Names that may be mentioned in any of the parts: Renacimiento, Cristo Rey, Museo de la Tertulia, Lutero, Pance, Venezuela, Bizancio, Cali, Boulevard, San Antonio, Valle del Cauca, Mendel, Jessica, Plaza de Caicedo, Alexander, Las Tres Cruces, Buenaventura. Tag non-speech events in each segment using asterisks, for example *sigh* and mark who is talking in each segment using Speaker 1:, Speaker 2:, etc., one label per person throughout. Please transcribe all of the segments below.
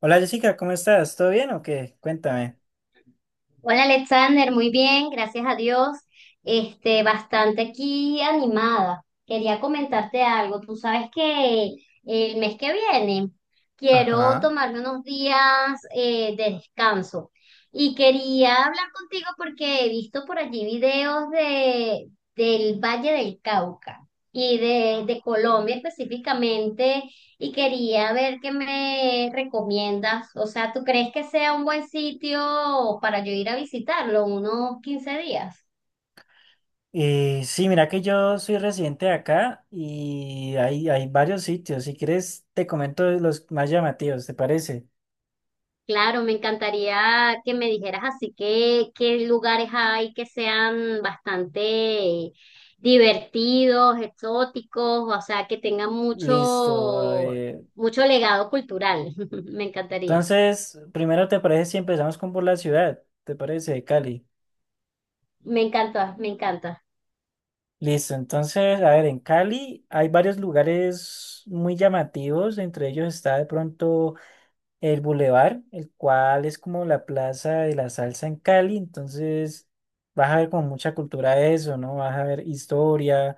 Speaker 1: Hola Jessica, ¿cómo estás? ¿Todo bien o qué? Cuéntame.
Speaker 2: Hola Alexander, muy bien, gracias a Dios. Este, bastante aquí animada. Quería comentarte algo. Tú sabes que el mes que viene quiero
Speaker 1: Ajá.
Speaker 2: tomarme unos días de descanso y quería hablar contigo porque he visto por allí videos del Valle del Cauca y de Colombia específicamente y quería ver qué me recomiendas. O sea, ¿tú crees que sea un buen sitio para yo ir a visitarlo unos 15 días?
Speaker 1: Sí, mira que yo soy residente de acá y hay varios sitios. Si quieres, te comento los más llamativos, ¿te parece?
Speaker 2: Claro, me encantaría que me dijeras así que qué lugares hay que sean bastante divertidos, exóticos, o sea,
Speaker 1: Listo, a ver.
Speaker 2: mucho legado cultural. *laughs* Me encantaría.
Speaker 1: Entonces, primero, ¿te parece si empezamos con por la ciudad? ¿Te parece? De Cali.
Speaker 2: Me encanta, me encanta.
Speaker 1: Listo. Entonces, a ver, en Cali hay varios lugares muy llamativos. Entre ellos está de pronto el Boulevard, el cual es como la plaza de la salsa en Cali, entonces vas a ver como mucha cultura de eso, ¿no? Vas a ver historia,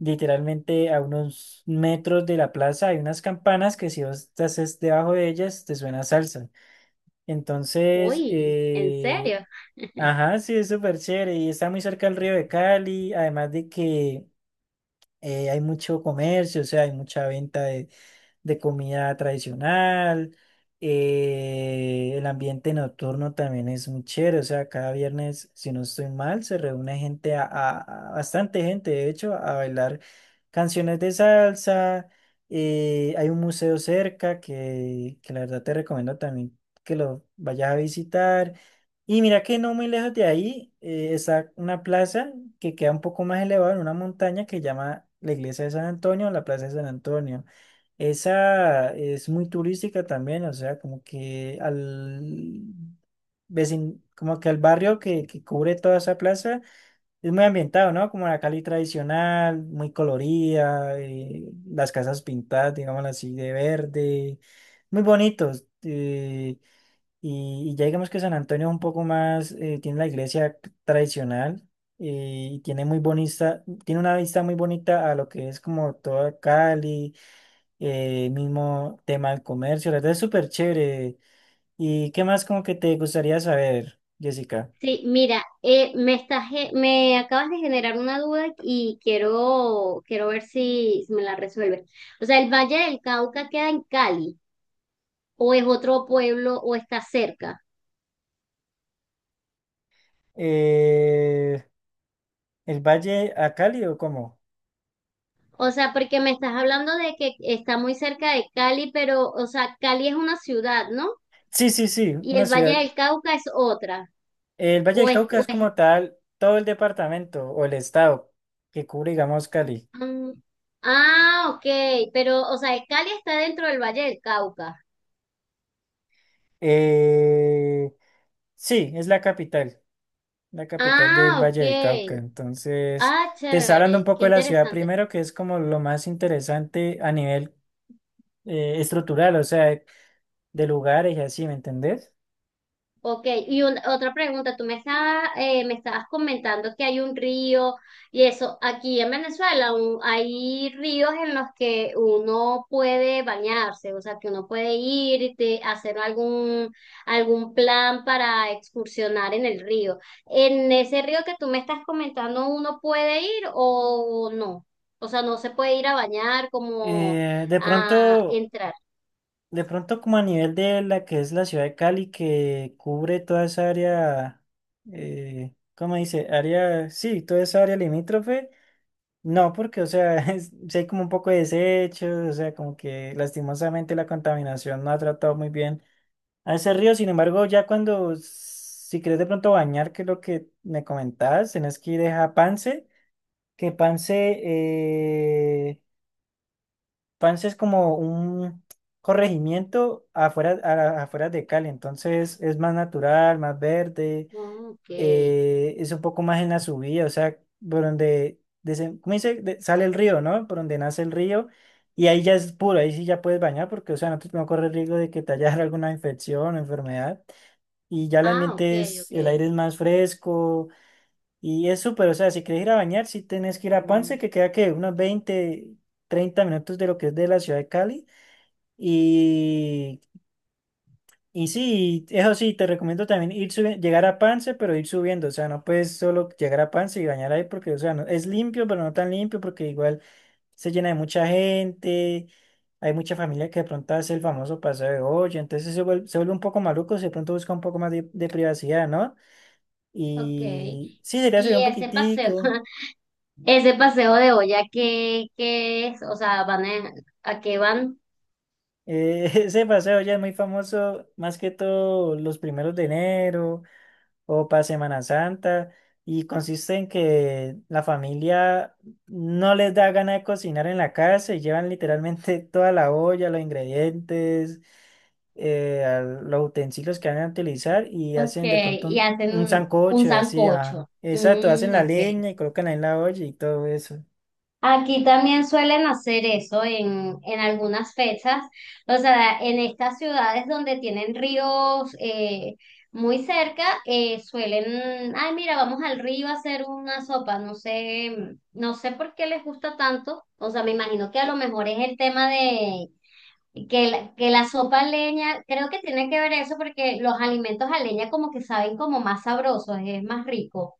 Speaker 1: literalmente a unos metros de la plaza hay unas campanas que si vos debajo de ellas te suena salsa. Entonces,
Speaker 2: Uy, ¿en serio?
Speaker 1: ajá, sí, es súper chévere y está muy cerca del río de Cali, además de que hay mucho comercio, o sea, hay mucha venta de comida tradicional. El ambiente nocturno también es muy chévere, o sea, cada viernes, si no estoy mal, se reúne gente, bastante gente, de hecho, a bailar canciones de salsa. Hay un museo cerca que la verdad te recomiendo también que lo vayas a visitar. Y mira que no muy lejos de ahí está una plaza que queda un poco más elevada en una montaña que se llama la iglesia de San Antonio, la plaza de San Antonio. Esa es muy turística también, o sea, como que como que al barrio que cubre toda esa plaza es muy ambientado, ¿no? Como la Cali tradicional, muy colorida, las casas pintadas, digámoslo así, de verde, muy bonitos. Y, y ya digamos que San Antonio es un poco más, tiene la iglesia tradicional, y tiene muy bonita, tiene una vista muy bonita a lo que es como toda Cali, mismo tema del comercio, la verdad es súper chévere. ¿Y qué más como que te gustaría saber, Jessica?
Speaker 2: Sí, mira, me acabas de generar una duda y quiero ver si me la resuelves. O sea, ¿el Valle del Cauca queda en Cali o es otro pueblo o está cerca?
Speaker 1: Eh, ¿El Valle a Cali o cómo?
Speaker 2: O sea, porque me estás hablando de que está muy cerca de Cali, pero, o sea, Cali es una ciudad, ¿no?
Speaker 1: Sí, sí, sí,
Speaker 2: Y
Speaker 1: una
Speaker 2: el Valle
Speaker 1: ciudad.
Speaker 2: del Cauca es otra.
Speaker 1: El Valle
Speaker 2: O
Speaker 1: del
Speaker 2: es,
Speaker 1: Cauca
Speaker 2: o
Speaker 1: es
Speaker 2: es-
Speaker 1: como tal todo el departamento o el estado que cubre, digamos, Cali.
Speaker 2: mm, ah, ok, pero, o sea, el Cali está dentro del Valle del Cauca.
Speaker 1: Eh, sí, es la capital del
Speaker 2: Ah,
Speaker 1: Valle del Cauca.
Speaker 2: ok.
Speaker 1: Entonces,
Speaker 2: Ah,
Speaker 1: te está hablando un
Speaker 2: chévere, qué
Speaker 1: poco de la ciudad
Speaker 2: interesante.
Speaker 1: primero, que es como lo más interesante a nivel estructural, o sea, de lugares y así, ¿me entendés?
Speaker 2: Ok, otra pregunta, tú me estabas comentando que hay un río y eso, aquí en Venezuela hay ríos en los que uno puede bañarse, o sea, que uno puede ir hacer algún plan para excursionar en el río. ¿En ese río que tú me estás comentando uno puede ir o no? O sea, no se puede ir a bañar como
Speaker 1: Eh, de
Speaker 2: a
Speaker 1: pronto,
Speaker 2: entrar.
Speaker 1: de pronto como a nivel de la que es la ciudad de Cali, que cubre toda esa área, ¿cómo dice? Área, sí, toda esa área limítrofe. No, porque, o sea, *laughs* sí hay como un poco de desechos, o sea, como que lastimosamente la contaminación no ha tratado muy bien a ese río. Sin embargo, ya cuando, si quieres de pronto bañar, que es lo que me comentabas, tenés que ir es a Pance, que Pance, eh, Pance es como un corregimiento afuera, afuera de Cali, entonces es más natural, más verde,
Speaker 2: Mm, ok,
Speaker 1: es un poco más en la subida, o sea, por donde, ¿cómo dice? Sale el río, ¿no? Por donde nace el río, y ahí ya es puro, ahí sí ya puedes bañar, porque, o sea, no, no corre riesgo de que te haya *laughs* alguna infección o enfermedad, y ya el
Speaker 2: ah, ok,
Speaker 1: ambiente es,
Speaker 2: ok.
Speaker 1: el aire es más fresco, y es súper, o sea, si quieres ir a bañar, si tienes que ir a Pance,
Speaker 2: Mm.
Speaker 1: que queda que unos 20, 30 minutos de lo que es de la ciudad de Cali. Y, y sí, eso sí, te recomiendo también ir subiendo, llegar a Pance, pero ir subiendo. O sea, no puedes solo llegar a Pance y bañar ahí porque, o sea, es limpio, pero no tan limpio porque igual se llena de mucha gente. Hay mucha familia que de pronto hace el famoso paseo de olla, entonces se vuelve un poco maluco, si de pronto busca un poco más de privacidad, ¿no?
Speaker 2: Ok,
Speaker 1: Y sí, sería subir
Speaker 2: y
Speaker 1: un
Speaker 2: ese paseo,
Speaker 1: poquitico.
Speaker 2: *laughs* ese paseo de olla, ¿qué es? O sea, van ¿a qué van?
Speaker 1: *laughs* Ese paseo ya es muy famoso, más que todo los primeros de enero o para Semana Santa y consiste en que la familia no les da ganas de cocinar en la casa y llevan literalmente *laughs* toda la olla, los ingredientes, a los utensilios que van a utilizar y
Speaker 2: Ok,
Speaker 1: hacen de pronto
Speaker 2: y
Speaker 1: un,
Speaker 2: hacen
Speaker 1: un
Speaker 2: un
Speaker 1: sancocho, así, ah,
Speaker 2: sancocho.
Speaker 1: exacto, hacen
Speaker 2: Mm,
Speaker 1: la
Speaker 2: ok.
Speaker 1: leña y colocan ahí la olla y todo eso,
Speaker 2: Aquí también suelen hacer eso en algunas fechas, o sea, en estas ciudades donde tienen ríos muy cerca, suelen, ay, mira, vamos al río a hacer una sopa, no sé, no sé por qué les gusta tanto, o sea, me imagino que a lo mejor es el tema de que la sopa a leña, creo que tiene que ver eso porque los alimentos a leña como que saben como más sabrosos, es más rico.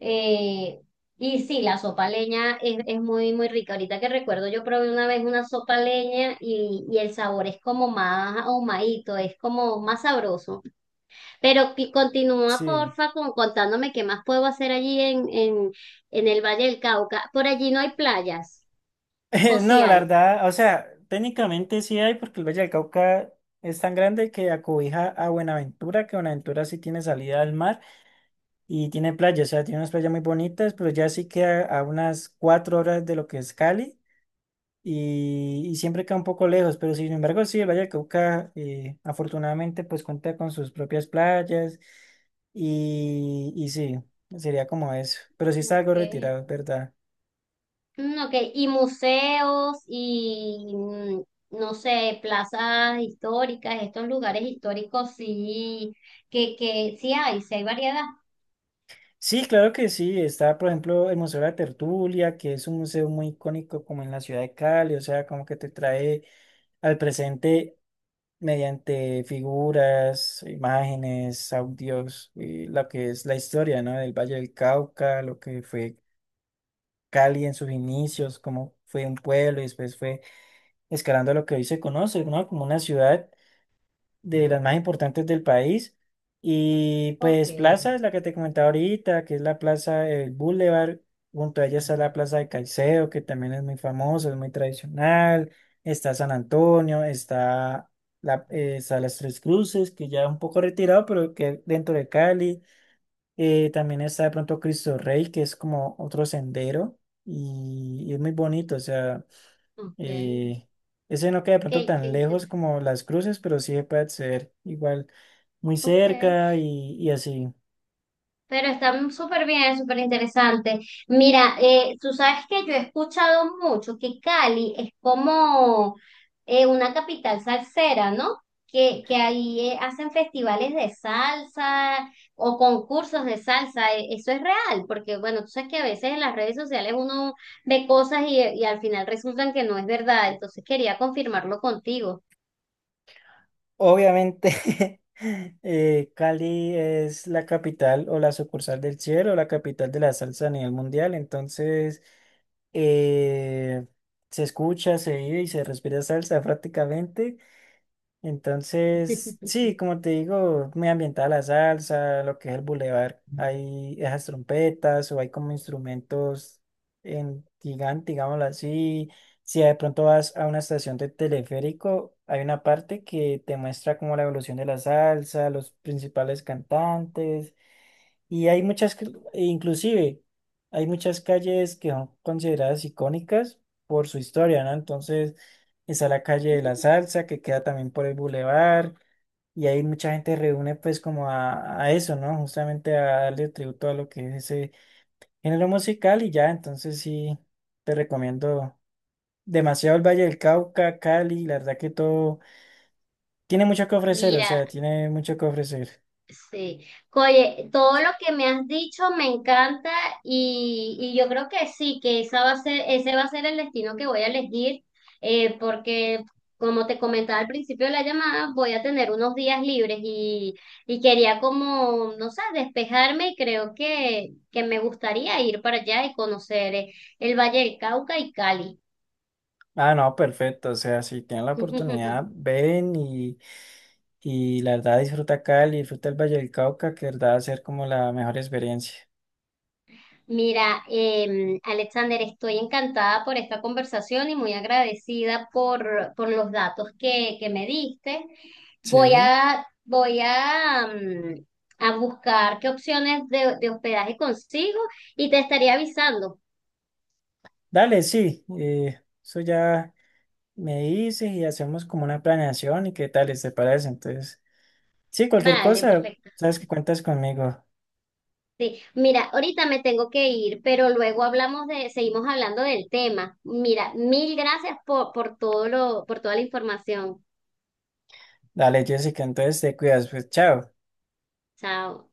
Speaker 2: Eh, y sí, la sopa a leña es muy, muy rica. Ahorita que recuerdo, yo probé una vez una sopa a leña y el sabor es como más ahumadito, es como más sabroso. Pero que continúa,
Speaker 1: sí.
Speaker 2: porfa, contándome qué más puedo hacer en el Valle del Cauca. Por allí no hay playas, o
Speaker 1: *laughs*
Speaker 2: si
Speaker 1: No, la
Speaker 2: hay.
Speaker 1: verdad, o sea, técnicamente sí hay porque el Valle del Cauca es tan grande que acobija a Buenaventura, que Buenaventura sí tiene salida al mar. Y tiene playas, o sea, tiene unas playas muy bonitas, pero ya sí queda a unas 4 horas de lo que es Cali y siempre queda un poco lejos, pero sin embargo sí, el Valle del Cauca, afortunadamente pues cuenta con sus propias playas y sí, sería como eso, pero sí está
Speaker 2: Ok.
Speaker 1: algo retirado, es ¿verdad?
Speaker 2: Mm, ok, y museos y, mm, no sé, plazas históricas, estos lugares históricos, sí, que sí hay variedad.
Speaker 1: Sí, claro que sí, está por ejemplo el Museo de la Tertulia, que es un museo muy icónico como en la ciudad de Cali, o sea, como que te trae al presente mediante figuras, imágenes, audios, y lo que es la historia, ¿no? Del Valle del Cauca, lo que fue Cali en sus inicios, cómo fue un pueblo y después fue escalando a lo que hoy se conoce, ¿no? Como una ciudad de las más importantes del país. Y
Speaker 2: Ok,
Speaker 1: pues Plaza es la que te comentaba ahorita, que es la Plaza del Boulevard. Junto a ella está la Plaza de Caicedo, que también es muy famosa, es muy tradicional. Está San Antonio, está Las Tres Cruces, que ya es un poco retirado, pero que dentro de Cali. También está de pronto Cristo Rey, que es como otro sendero y es muy bonito, o sea.
Speaker 2: ok, ok.
Speaker 1: Eh, Ese no queda de pronto
Speaker 2: Ok, qué
Speaker 1: tan lejos
Speaker 2: inter-,
Speaker 1: como Las Cruces, pero sí se puede acceder igual muy
Speaker 2: ok.
Speaker 1: cerca y así.
Speaker 2: Pero está súper bien, súper interesante. Mira, tú sabes que yo he escuchado mucho que Cali es como una capital salsera, ¿no? Que ahí hacen festivales de salsa o concursos de salsa. E- eso es real, porque bueno, tú sabes que a veces en las redes sociales uno ve cosas y al final resultan que no es verdad. Entonces quería confirmarlo contigo.
Speaker 1: Obviamente, *laughs* Cali es la capital o la sucursal del cielo, la capital de la salsa a nivel mundial, entonces eh, se escucha, se vive y se respira salsa prácticamente. Entonces, sí, como te digo, muy ambientada la salsa, lo que es el bulevar, hay esas trompetas o hay como instrumentos en gigante, digámoslo así. Si de pronto vas a una estación de teleférico, hay una parte que te muestra como la evolución de la salsa, los principales cantantes. Y hay muchas, e inclusive, hay muchas calles que son consideradas icónicas por su historia, ¿no? Entonces, está la calle de la
Speaker 2: Mm,
Speaker 1: Salsa, que queda también por el bulevar, y ahí mucha gente reúne pues como a eso, ¿no? Justamente a darle tributo a lo que es ese género musical y ya, entonces sí, te recomiendo demasiado el Valle del Cauca, Cali, la verdad que todo tiene mucho que ofrecer, o
Speaker 2: mira.
Speaker 1: sea, tiene mucho que ofrecer.
Speaker 2: Sí, oye, todo lo que me has dicho me encanta y yo creo que sí, que esa va a ser, ese va a ser el destino que voy a elegir, porque como te comentaba al principio de la llamada, voy a tener unos días libres y quería como, no sé, despejarme y creo que me gustaría ir para allá y conocer el Valle del Cauca y Cali.
Speaker 1: Ah, no, perfecto. O sea, si tienen la oportunidad,
Speaker 2: *laughs*
Speaker 1: ven y la verdad disfruta Cali, disfruta el Valle del Cauca, que de verdad va a ser como la mejor experiencia.
Speaker 2: Mira, Alexander, estoy encantada por esta conversación y muy agradecida por los datos que me diste. Voy
Speaker 1: Sí.
Speaker 2: a, voy a, mm, a buscar qué opciones de hospedaje consigo y te estaré avisando.
Speaker 1: Dale, sí, eso ya me dices y hacemos como una planeación y qué tal, ¿te parece? Entonces, sí, cualquier
Speaker 2: Vale,
Speaker 1: cosa,
Speaker 2: perfecto.
Speaker 1: sabes que cuentas conmigo.
Speaker 2: Sí, mira, ahorita me tengo que ir, pero luego hablamos de, seguimos hablando del tema. Mira, mil gracias por todo por toda la información.
Speaker 1: Dale, Jessica, entonces te cuidas, pues chao.
Speaker 2: Chao.